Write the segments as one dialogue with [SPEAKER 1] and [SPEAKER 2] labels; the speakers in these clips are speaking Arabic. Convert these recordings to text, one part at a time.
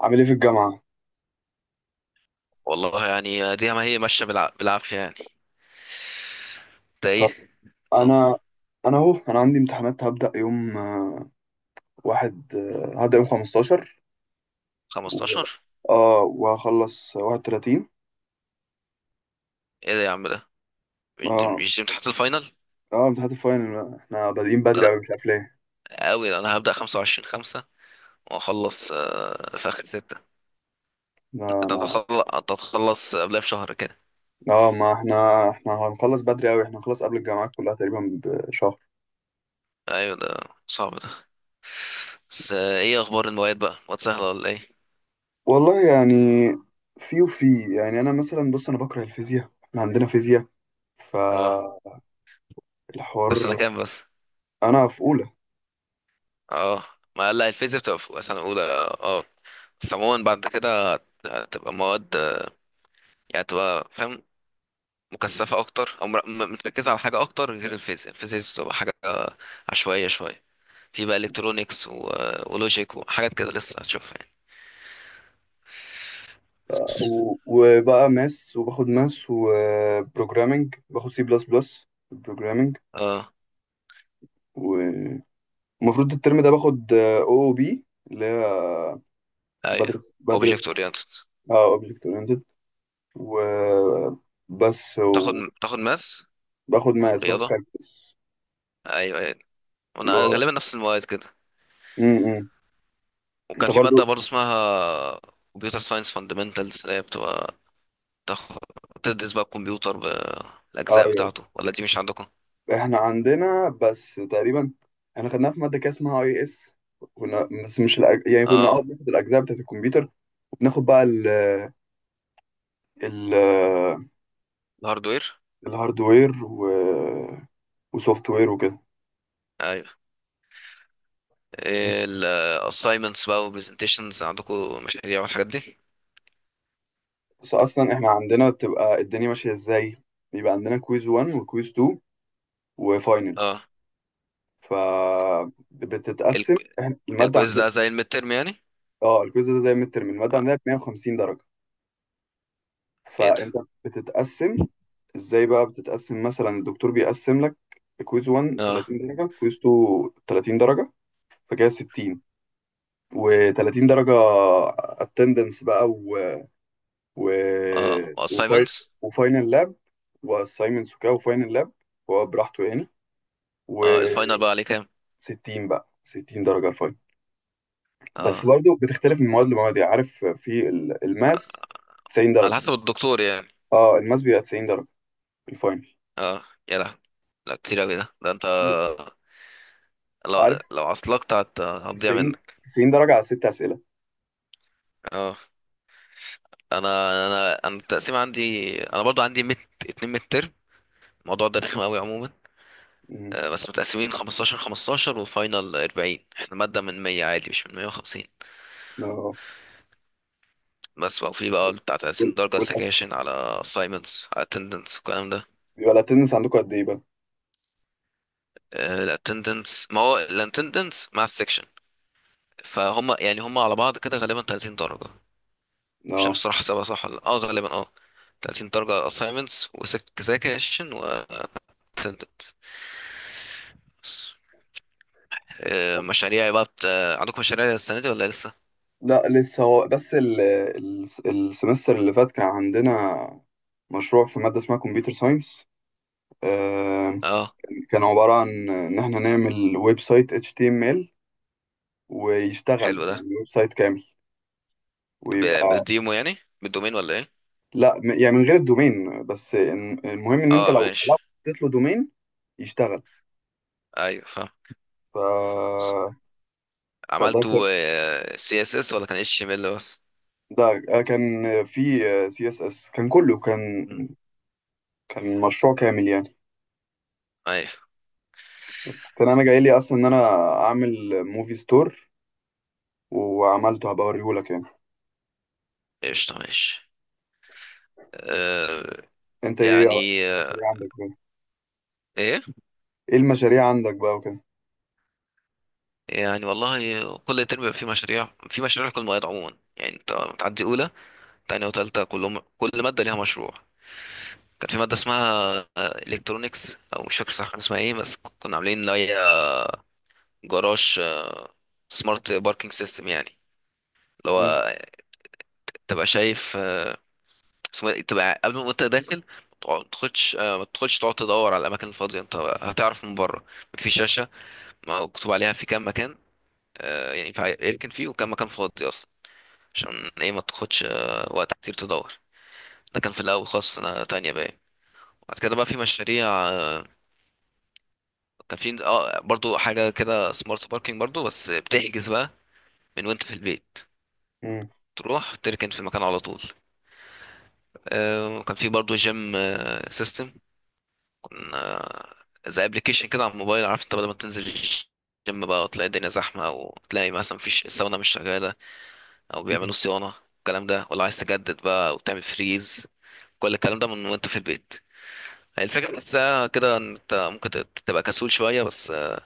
[SPEAKER 1] عامل ايه في الجامعة؟
[SPEAKER 2] والله يعني دي ما هي ماشيه بالعافيه يعني. ده
[SPEAKER 1] طب،
[SPEAKER 2] ايه؟ طب
[SPEAKER 1] انا انا عندي امتحانات. هبدأ يوم آه، واحد آه، هبدأ يوم 15 و...
[SPEAKER 2] 15.
[SPEAKER 1] اه وهخلص 31.
[SPEAKER 2] ايه ده يا عم؟ ده مش دي
[SPEAKER 1] اه
[SPEAKER 2] مش دي امتحانات الفاينل؟
[SPEAKER 1] اه امتحانات الفاينل احنا بادئين
[SPEAKER 2] ده
[SPEAKER 1] بدري
[SPEAKER 2] لا
[SPEAKER 1] اوي، مش عارف ليه.
[SPEAKER 2] قوي. ده انا هبدا 25 5 واخلص في اخر 6.
[SPEAKER 1] لا،
[SPEAKER 2] ده
[SPEAKER 1] انا
[SPEAKER 2] هتخلص، هتخلص قبلها بشهر كده.
[SPEAKER 1] اه ما احنا هنخلص بدري اوي. احنا هنخلص قبل الجامعات كلها تقريبا بشهر.
[SPEAKER 2] ايوه، ده صعب ده. بس ايه اخبار المواد بقى؟ مواد سهله ولا ايه؟
[SPEAKER 1] والله يعني، في، يعني انا مثلا، بص، انا بكره الفيزياء، احنا عندنا فيزياء
[SPEAKER 2] اه. طب سنه
[SPEAKER 1] فالحوار.
[SPEAKER 2] كام بس؟
[SPEAKER 1] انا في اولى.
[SPEAKER 2] اه. ما لا، الفيزياء بتبقى في سنه اولى. اه بس عموما بعد كده هتبقى مواد يعني تبقى فاهم، مكثفة أكتر، أو متركزة على حاجة أكتر. غير الفيزياء، الفيزياء بتبقى حاجة عشوائية شوية. في بقى إلكترونيكس ولوجيك وحاجات كده لسه هتشوفها يعني.
[SPEAKER 1] و- وبقى ماس، وباخد ماس وبروجرامنج، باخد C++ بروجرامنج.
[SPEAKER 2] اه.
[SPEAKER 1] ومفروض الترم ده باخد OOP، اللي هي
[SPEAKER 2] أيوه.
[SPEAKER 1] بدرس
[SPEAKER 2] أوبجكت أورينتد.
[SPEAKER 1] اه اوبجكت اورينتد. وبس.
[SPEAKER 2] تاخد،
[SPEAKER 1] وباخد
[SPEAKER 2] تاخد ماس.
[SPEAKER 1] ماس، باخد
[SPEAKER 2] رياضة.
[SPEAKER 1] كالكولس
[SPEAKER 2] أيوه أيوه.
[SPEAKER 1] اللي
[SPEAKER 2] وأنا
[SPEAKER 1] هو
[SPEAKER 2] غالبا نفس المواد كده.
[SPEAKER 1] م- م.
[SPEAKER 2] وكان
[SPEAKER 1] انت
[SPEAKER 2] في مادة
[SPEAKER 1] برضو؟
[SPEAKER 2] برضه اسمها كمبيوتر ساينس فاندمنتالز، اللي هي بتبقى تاخد، تدرس بقى الكمبيوتر بالأجزاء
[SPEAKER 1] ايوه،
[SPEAKER 2] بتاعته. ولا دي مش عندكم؟
[SPEAKER 1] احنا عندنا بس تقريبا احنا خدناها في ماده كده اسمها IS. كنا، بس مش يعني كنا
[SPEAKER 2] اه.
[SPEAKER 1] بناخد الاجزاء بتاعت الكمبيوتر، وبناخد بقى ال
[SPEAKER 2] الهاردوير.
[SPEAKER 1] الهاردوير و... وسوفت وير وكده.
[SPEAKER 2] أيوه. الاساينمنتس بقى وبرزنتيشنز، عندكم مشاريع والحاجات دي؟
[SPEAKER 1] بس اصلا احنا عندنا بتبقى الدنيا ماشيه ازاي: بيبقى عندنا كويز 1 وكويز 2 وفاينل.
[SPEAKER 2] اه.
[SPEAKER 1] ف
[SPEAKER 2] ال-
[SPEAKER 1] بتتقسم، الماده
[SPEAKER 2] الكويز
[SPEAKER 1] عندنا،
[SPEAKER 2] ده زي الميد ترم يعني؟
[SPEAKER 1] اه الكويز ده زي الترم. الماده
[SPEAKER 2] آه.
[SPEAKER 1] عندنا ب 150 درجه.
[SPEAKER 2] ايه ده.
[SPEAKER 1] فانت بتتقسم ازاي بقى؟ بتتقسم مثلا، الدكتور بيقسم لك كويز 1،
[SPEAKER 2] اه.
[SPEAKER 1] 30 درجه، كويز 2، 30 درجه، فكده 60. و30 درجه اتندنس بقى، و...
[SPEAKER 2] اه
[SPEAKER 1] وفاي...
[SPEAKER 2] اساينمنتس.
[SPEAKER 1] وفاينل لاب، واسايمنتس وكده وفاينل لاب، هو براحته يعني.
[SPEAKER 2] اه، الفاينل
[SPEAKER 1] و60،
[SPEAKER 2] بقى عليه كام؟
[SPEAKER 1] بقى 60 درجة الفاينل. بس
[SPEAKER 2] اه.
[SPEAKER 1] برضو بتختلف من مواد لمواد، يعني عارف في الماس 90
[SPEAKER 2] على
[SPEAKER 1] درجة.
[SPEAKER 2] حسب الدكتور يعني.
[SPEAKER 1] اه الماس بيبقى 90 درجة الفاينل،
[SPEAKER 2] اه يا لا، لا كتير اوي ده. ده انت لو
[SPEAKER 1] عارف،
[SPEAKER 2] لو عصلكت هتضيع
[SPEAKER 1] 90
[SPEAKER 2] منك.
[SPEAKER 1] 90 درجة على ست أسئلة.
[SPEAKER 2] اه. انا انا التقسيم عندي، انا برضو عندي ميد، اتنين ميد ترم. الموضوع ده رخم قوي عموما.
[SPEAKER 1] مم.
[SPEAKER 2] بس متقسمين 15 15 وفاينل 40، احنا مادة من 100 عادي مش من 150.
[SPEAKER 1] اه
[SPEAKER 2] بس بقى في بقى بتاع 30
[SPEAKER 1] وال-
[SPEAKER 2] درجة
[SPEAKER 1] وال-
[SPEAKER 2] سكاشن، على assignments، على attendance والكلام ده.
[SPEAKER 1] بيبقى الاتندنس عندكم قد ايه بقى؟
[SPEAKER 2] ال attendance، ما هو ال attendance مع السكشن، فهم يعني هم على بعض كده، غالبا 30 درجة. مش عارف
[SPEAKER 1] اه
[SPEAKER 2] الصراحة حسابها صح ولا لأ. اه غالبا اه، 30 درجة assignments وسكاشن و attendance بس. مشاريع بقى بت... آه، عندكم مشاريع السنة دي ولا لسه؟
[SPEAKER 1] لا، لسه. هو بس ال السمستر اللي فات كان عندنا مشروع في مادة اسمها كمبيوتر ساينس،
[SPEAKER 2] اه.
[SPEAKER 1] كان عبارة عن إن إحنا نعمل ويب سايت HTML ويشتغل،
[SPEAKER 2] حلو ده.
[SPEAKER 1] يعني ويب سايت كامل
[SPEAKER 2] ب...
[SPEAKER 1] ويبقى.
[SPEAKER 2] بالديمو يعني؟ بالدومين ولا ايه؟
[SPEAKER 1] لا، يعني من غير الدومين، بس المهم إن أنت
[SPEAKER 2] اه
[SPEAKER 1] لو
[SPEAKER 2] ماشي.
[SPEAKER 1] حطيت له دومين يشتغل.
[SPEAKER 2] ايوه فاهم.
[SPEAKER 1] ف... فده كان
[SPEAKER 2] عملتوا CSS ولا كان HTML بس؟
[SPEAKER 1] ده كان في CSS، كان كله، كان
[SPEAKER 2] مم.
[SPEAKER 1] كان مشروع كامل يعني.
[SPEAKER 2] ايوه.
[SPEAKER 1] بس كان انا جاي لي اصلا ان انا اعمل موفي ستور وعملته، هبقى اوريهولك يعني.
[SPEAKER 2] قشطة ماشي. آه.
[SPEAKER 1] انت ايه
[SPEAKER 2] يعني آه.
[SPEAKER 1] المشاريع عندك كده؟
[SPEAKER 2] ايه؟
[SPEAKER 1] ايه المشاريع عندك بقى وكده؟
[SPEAKER 2] يعني والله كل ترم بيبقى في مشاريع، في مشاريع لكل مواد عموما يعني. انت بتعدي اولى، تانية، وتالتة كلهم، كل مادة ليها مشروع. كان في مادة اسمها الكترونكس او مش فاكر صح كان اسمها ايه، بس كنا عاملين اللي هي جراج سمارت باركينج سيستم يعني، اللي
[SPEAKER 1] مم.
[SPEAKER 2] هو تبقى شايف اسمه إيه؟ تبقى قبل ما انت داخل، ما تدخلش تقعد تدور على الاماكن الفاضيه، انت هتعرف من بره. في شاشه مكتوب عليها في كام مكان. يعني يمكن فيه وكان مكان فاضي اصلا، عشان ايه ما تاخدش وقت كتير تدور. ده كان في الاول خالص، سنه تانية باين. بعد كده بقى في مشاريع كان في اه برضو حاجه كده سمارت باركينج برضو، بس بتحجز بقى من وانت في البيت،
[SPEAKER 1] مم.
[SPEAKER 2] تروح تركن في المكان على طول. وكان في برضو جيم سيستم، كنا زي ابلكيشن كده على الموبايل. عارف انت بدل ما تنزل الجيم بقى وتلاقي الدنيا زحمه، او تلاقي مثلا مفيش، الساونا مش شغاله، او بيعملوا
[SPEAKER 1] مم.
[SPEAKER 2] صيانه، الكلام ده، ولا عايز تجدد بقى وتعمل فريز، كل الكلام ده من وانت في البيت. هي الفكرة بحسها كده ان انت ممكن تبقى كسول شوية، بس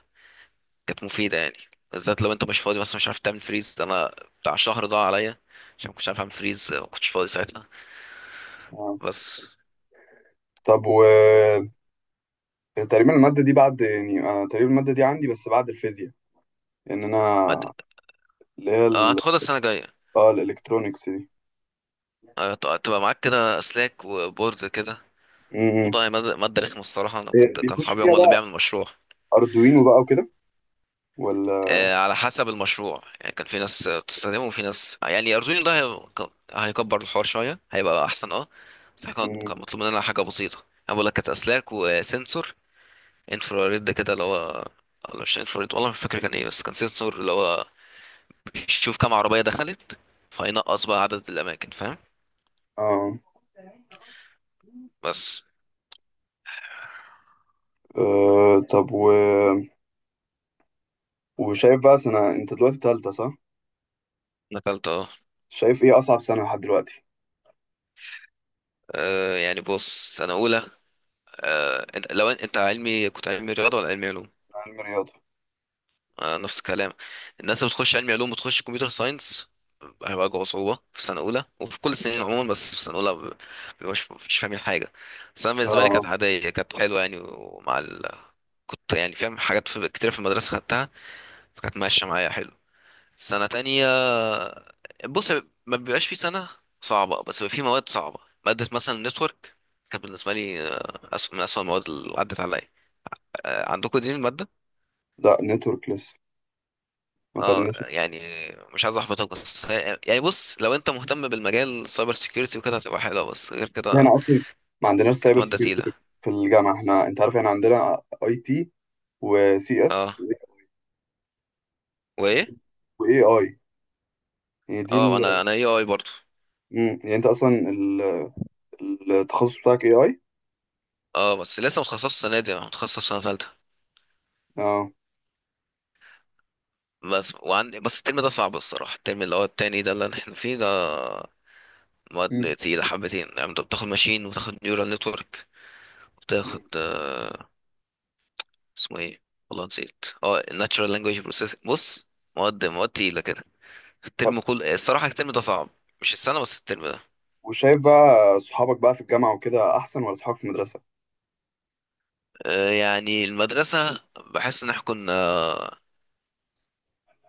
[SPEAKER 2] كانت مفيدة يعني. بالذات لو انت مش فاضي، مثلا مش عارف تعمل فريز. انا بتاع شهر ضاع عليا عشان ما كنتش عارف اعمل فريز، ما كنتش فاضي ساعتها.
[SPEAKER 1] آه.
[SPEAKER 2] بس.
[SPEAKER 1] طب، تقريبا المادة دي بعد، يعني انا تقريبا المادة دي عندي بس بعد الفيزياء، لان
[SPEAKER 2] ما د-
[SPEAKER 1] انا اللي هي ال...
[SPEAKER 2] هتاخدها السنة الجاية.
[SPEAKER 1] اه الالكترونيكس دي.
[SPEAKER 2] تبقى معاك كده اسلاك وبورد كده.
[SPEAKER 1] مم.
[SPEAKER 2] موضوع مادة، مادة رخمة الصراحة. انا كنت،
[SPEAKER 1] إيه،
[SPEAKER 2] كان
[SPEAKER 1] بيخش
[SPEAKER 2] صحابي
[SPEAKER 1] فيها
[SPEAKER 2] هم اللي
[SPEAKER 1] بقى
[SPEAKER 2] بيعمل مشروع.
[SPEAKER 1] اردوينو بقى وكده، ولا؟
[SPEAKER 2] على حسب المشروع يعني. كان في ناس بتستخدمه وفي ناس يعني. أردوينو ده هيكبر الحوار شوية، هيبقى أحسن اه. بس إحنا كان
[SPEAKER 1] مم.
[SPEAKER 2] كان مطلوب مننا حاجة بسيطة. أنا بقول لك كانت أسلاك وسنسور انفراريد كده، اللي هو، ولا مش انفراريد والله مش فاكر كان ايه. بس كان سنسور اللي هو بيشوف كام عربية دخلت، فينقص بقى عدد الأماكن، فاهم؟
[SPEAKER 1] اه
[SPEAKER 2] بس.
[SPEAKER 1] طب، و... وشايف بقى سنة، انت دلوقتي تالتة، صح؟
[SPEAKER 2] نقلت اه.
[SPEAKER 1] شايف ايه اصعب سنة لحد دلوقتي؟
[SPEAKER 2] يعني بص، سنة أولى، انت لو انت علمي، كنت علمي رياضة ولا علمي علوم؟
[SPEAKER 1] علم رياضة.
[SPEAKER 2] نفس الكلام. الناس اللي بتخش علمي علوم وتخش كمبيوتر ساينس هيواجهوا صعوبة في سنة أولى، وفي كل السنين عموما بس في سنة أولى مش فاهمين حاجة. بس أنا بالنسبة لي كانت
[SPEAKER 1] اه
[SPEAKER 2] عادية، كانت حلوة يعني. كنت يعني فاهم حاجات كتير في المدرسة خدتها، فكانت ماشية معايا حلو. سنة تانية، بص، ما بيبقاش في سنة صعبة، بس بيبقى في مواد صعبة. مادة مثلا نتورك، كانت بالنسبة لي أسوأ من أسوأ المواد اللي عدت عليا. عندكم دي المادة؟
[SPEAKER 1] لا، نتورك لسه ما
[SPEAKER 2] اه
[SPEAKER 1] خدناش.
[SPEAKER 2] يعني، مش عايز احبطك، بس يعني بص، لو انت مهتم بالمجال سايبر سيكيورتي وكده هتبقى حلوه، بس غير
[SPEAKER 1] بس
[SPEAKER 2] كده
[SPEAKER 1] هنا اصلا ما عندناش
[SPEAKER 2] كانت
[SPEAKER 1] سايبر
[SPEAKER 2] ماده
[SPEAKER 1] سكيورتي
[SPEAKER 2] تقيله.
[SPEAKER 1] في الجامعة. احنا، انت عارف، احنا عندنا IT وسي
[SPEAKER 2] اه.
[SPEAKER 1] اس
[SPEAKER 2] وايه؟
[SPEAKER 1] واي اي، يعني دي
[SPEAKER 2] اه،
[SPEAKER 1] ال...
[SPEAKER 2] انا اي اي برضه.
[SPEAKER 1] مم. يعني انت اصلا ال... التخصص بتاعك AI.
[SPEAKER 2] اه بس لسه متخصص السنه دي، انا متخصص سنه ثالثه
[SPEAKER 1] اه
[SPEAKER 2] بس. وعندي بس الترم ده صعب الصراحه، الترم اللي هو التاني ده اللي احنا فيه ده،
[SPEAKER 1] مم.
[SPEAKER 2] مواد تقيله حبتين. يعني انت بتاخد ماشين، وتاخد نيورال نتورك،
[SPEAKER 1] مم.
[SPEAKER 2] وتاخد اسمه ايه، والله نسيت، اه، الناتشورال لانجويج بروسيسنج. بص مواد، مواد تقيله كده.
[SPEAKER 1] طب،
[SPEAKER 2] الترم كل، الصراحة الترم ده صعب، مش السنة، بس الترم ده.
[SPEAKER 1] وشايف بقى صحابك بقى في الجامعة وكده احسن ولا صحابك في المدرسة؟
[SPEAKER 2] يعني المدرسة بحس ان احنا كنا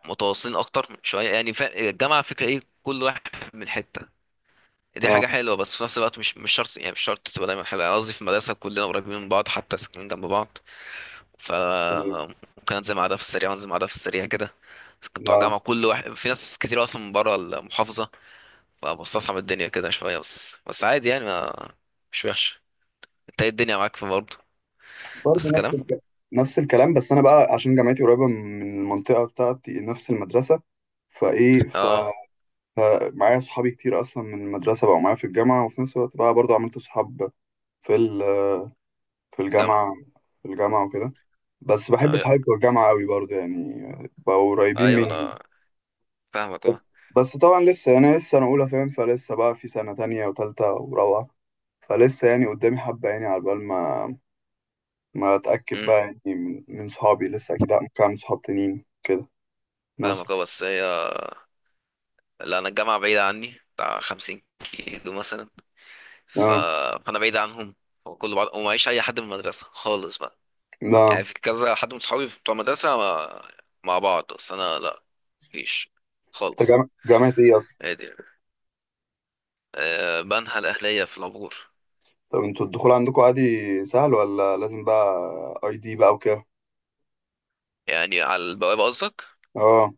[SPEAKER 2] متواصلين اكتر شوية يعني. الجامعة فكرة ايه، كل واحد من حتة. دي
[SPEAKER 1] اه
[SPEAKER 2] حاجة حلوة بس في نفس الوقت مش شرط يعني، مش شرط تبقى دايما حلوة يعني. قصدي في المدرسة كلنا قريبين من بعض، حتى ساكنين جنب بعض، ف
[SPEAKER 1] طيب.
[SPEAKER 2] ممكن انزل مع ده في السريع وانزل مع ده في السريع كده. كنت بتوع
[SPEAKER 1] لا،
[SPEAKER 2] الجامعة كل واحد، في ناس كتير اصلا من بره المحافظة، فبستصعب الدنيا كده شوية، بس بس عادي يعني، ما مش وحش. انت ايه، الدنيا معاك في برضه؟ نفس
[SPEAKER 1] برضه
[SPEAKER 2] الكلام
[SPEAKER 1] نفس الكلام. بس انا بقى، عشان جامعتي قريبة من المنطقة بتاعتي نفس المدرسة، فايه،
[SPEAKER 2] اه.
[SPEAKER 1] فمعايا صحابي كتير اصلا من المدرسه بقوا معايا في الجامعه، وفي نفس الوقت بقى برضو عملت صحاب في ال- في
[SPEAKER 2] جامعة.
[SPEAKER 1] الجامعه في الجامعه وكده. بس بحب
[SPEAKER 2] أي-
[SPEAKER 1] صحابي بتوع الجامعه قوي برضو، يعني بقوا قريبين
[SPEAKER 2] أيوة.
[SPEAKER 1] مني.
[SPEAKER 2] فاهمك أه.
[SPEAKER 1] بس طبعا لسه يعني، انا لسه اولى فاهم، فلسه بقى في سنه تانية وتالتة ورابعه، فلسه يعني قدامي حبه، يعني على بال ما اتاكد
[SPEAKER 2] أمم،
[SPEAKER 1] بقى يعني من صحابي، لسه اكيد ممكن اعمل صحاب تانيين كده. ناصر.
[SPEAKER 2] فاهمك أه. بس هي، لا، أنا الجامعة بعيدة عني بتاع 50 كيلو مثلا. ف...
[SPEAKER 1] اه
[SPEAKER 2] فأنا بعيد عنهم وكل بعض، ومعيش أي حد من المدرسة خالص بقى.
[SPEAKER 1] لا.
[SPEAKER 2] يعني في كذا حد من صحابي بتوع المدرسة مع بعض، بس أنا لا، مفيش
[SPEAKER 1] انت
[SPEAKER 2] خالص.
[SPEAKER 1] جامعه ايه؟
[SPEAKER 2] عادي. أه، بنها الأهلية في العبور.
[SPEAKER 1] طب، انتوا الدخول عندكم عادي، سهل، ولا لازم بقى ID بقى وكده؟
[SPEAKER 2] يعني على البوابة قصدك؟
[SPEAKER 1] اه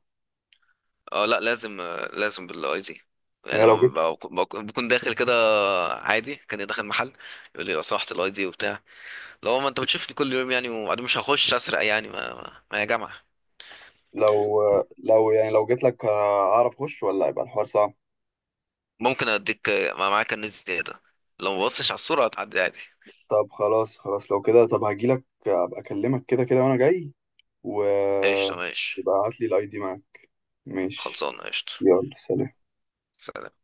[SPEAKER 2] أه لا لازم، لازم بالاي دي. يعني
[SPEAKER 1] يعني لو جيت
[SPEAKER 2] لما بكون داخل كده عادي كان داخل محل، يقول لي لو سمحت الاي دي وبتاع؟ لو ما انت بتشوفني كل يوم يعني، وبعدين مش هخش اسرق يعني، ما يا جماعه.
[SPEAKER 1] لو لو يعني لو جيت لك اعرف اخش، ولا هيبقى الحوار صعب؟
[SPEAKER 2] ممكن اديك، ما معاك كنز زياده. لو ما بصش على الصوره هتعدي عادي.
[SPEAKER 1] طب خلاص. خلاص، لو كده طب هاجي لك، ابقى اكلمك كده كده وانا جاي. و
[SPEAKER 2] قشطه ماشي.
[SPEAKER 1] يبقى هات لي الاي دي معاك. ماشي.
[SPEAKER 2] خلصانه قشطه.
[SPEAKER 1] يلا، سلام.
[SPEAKER 2] سلام.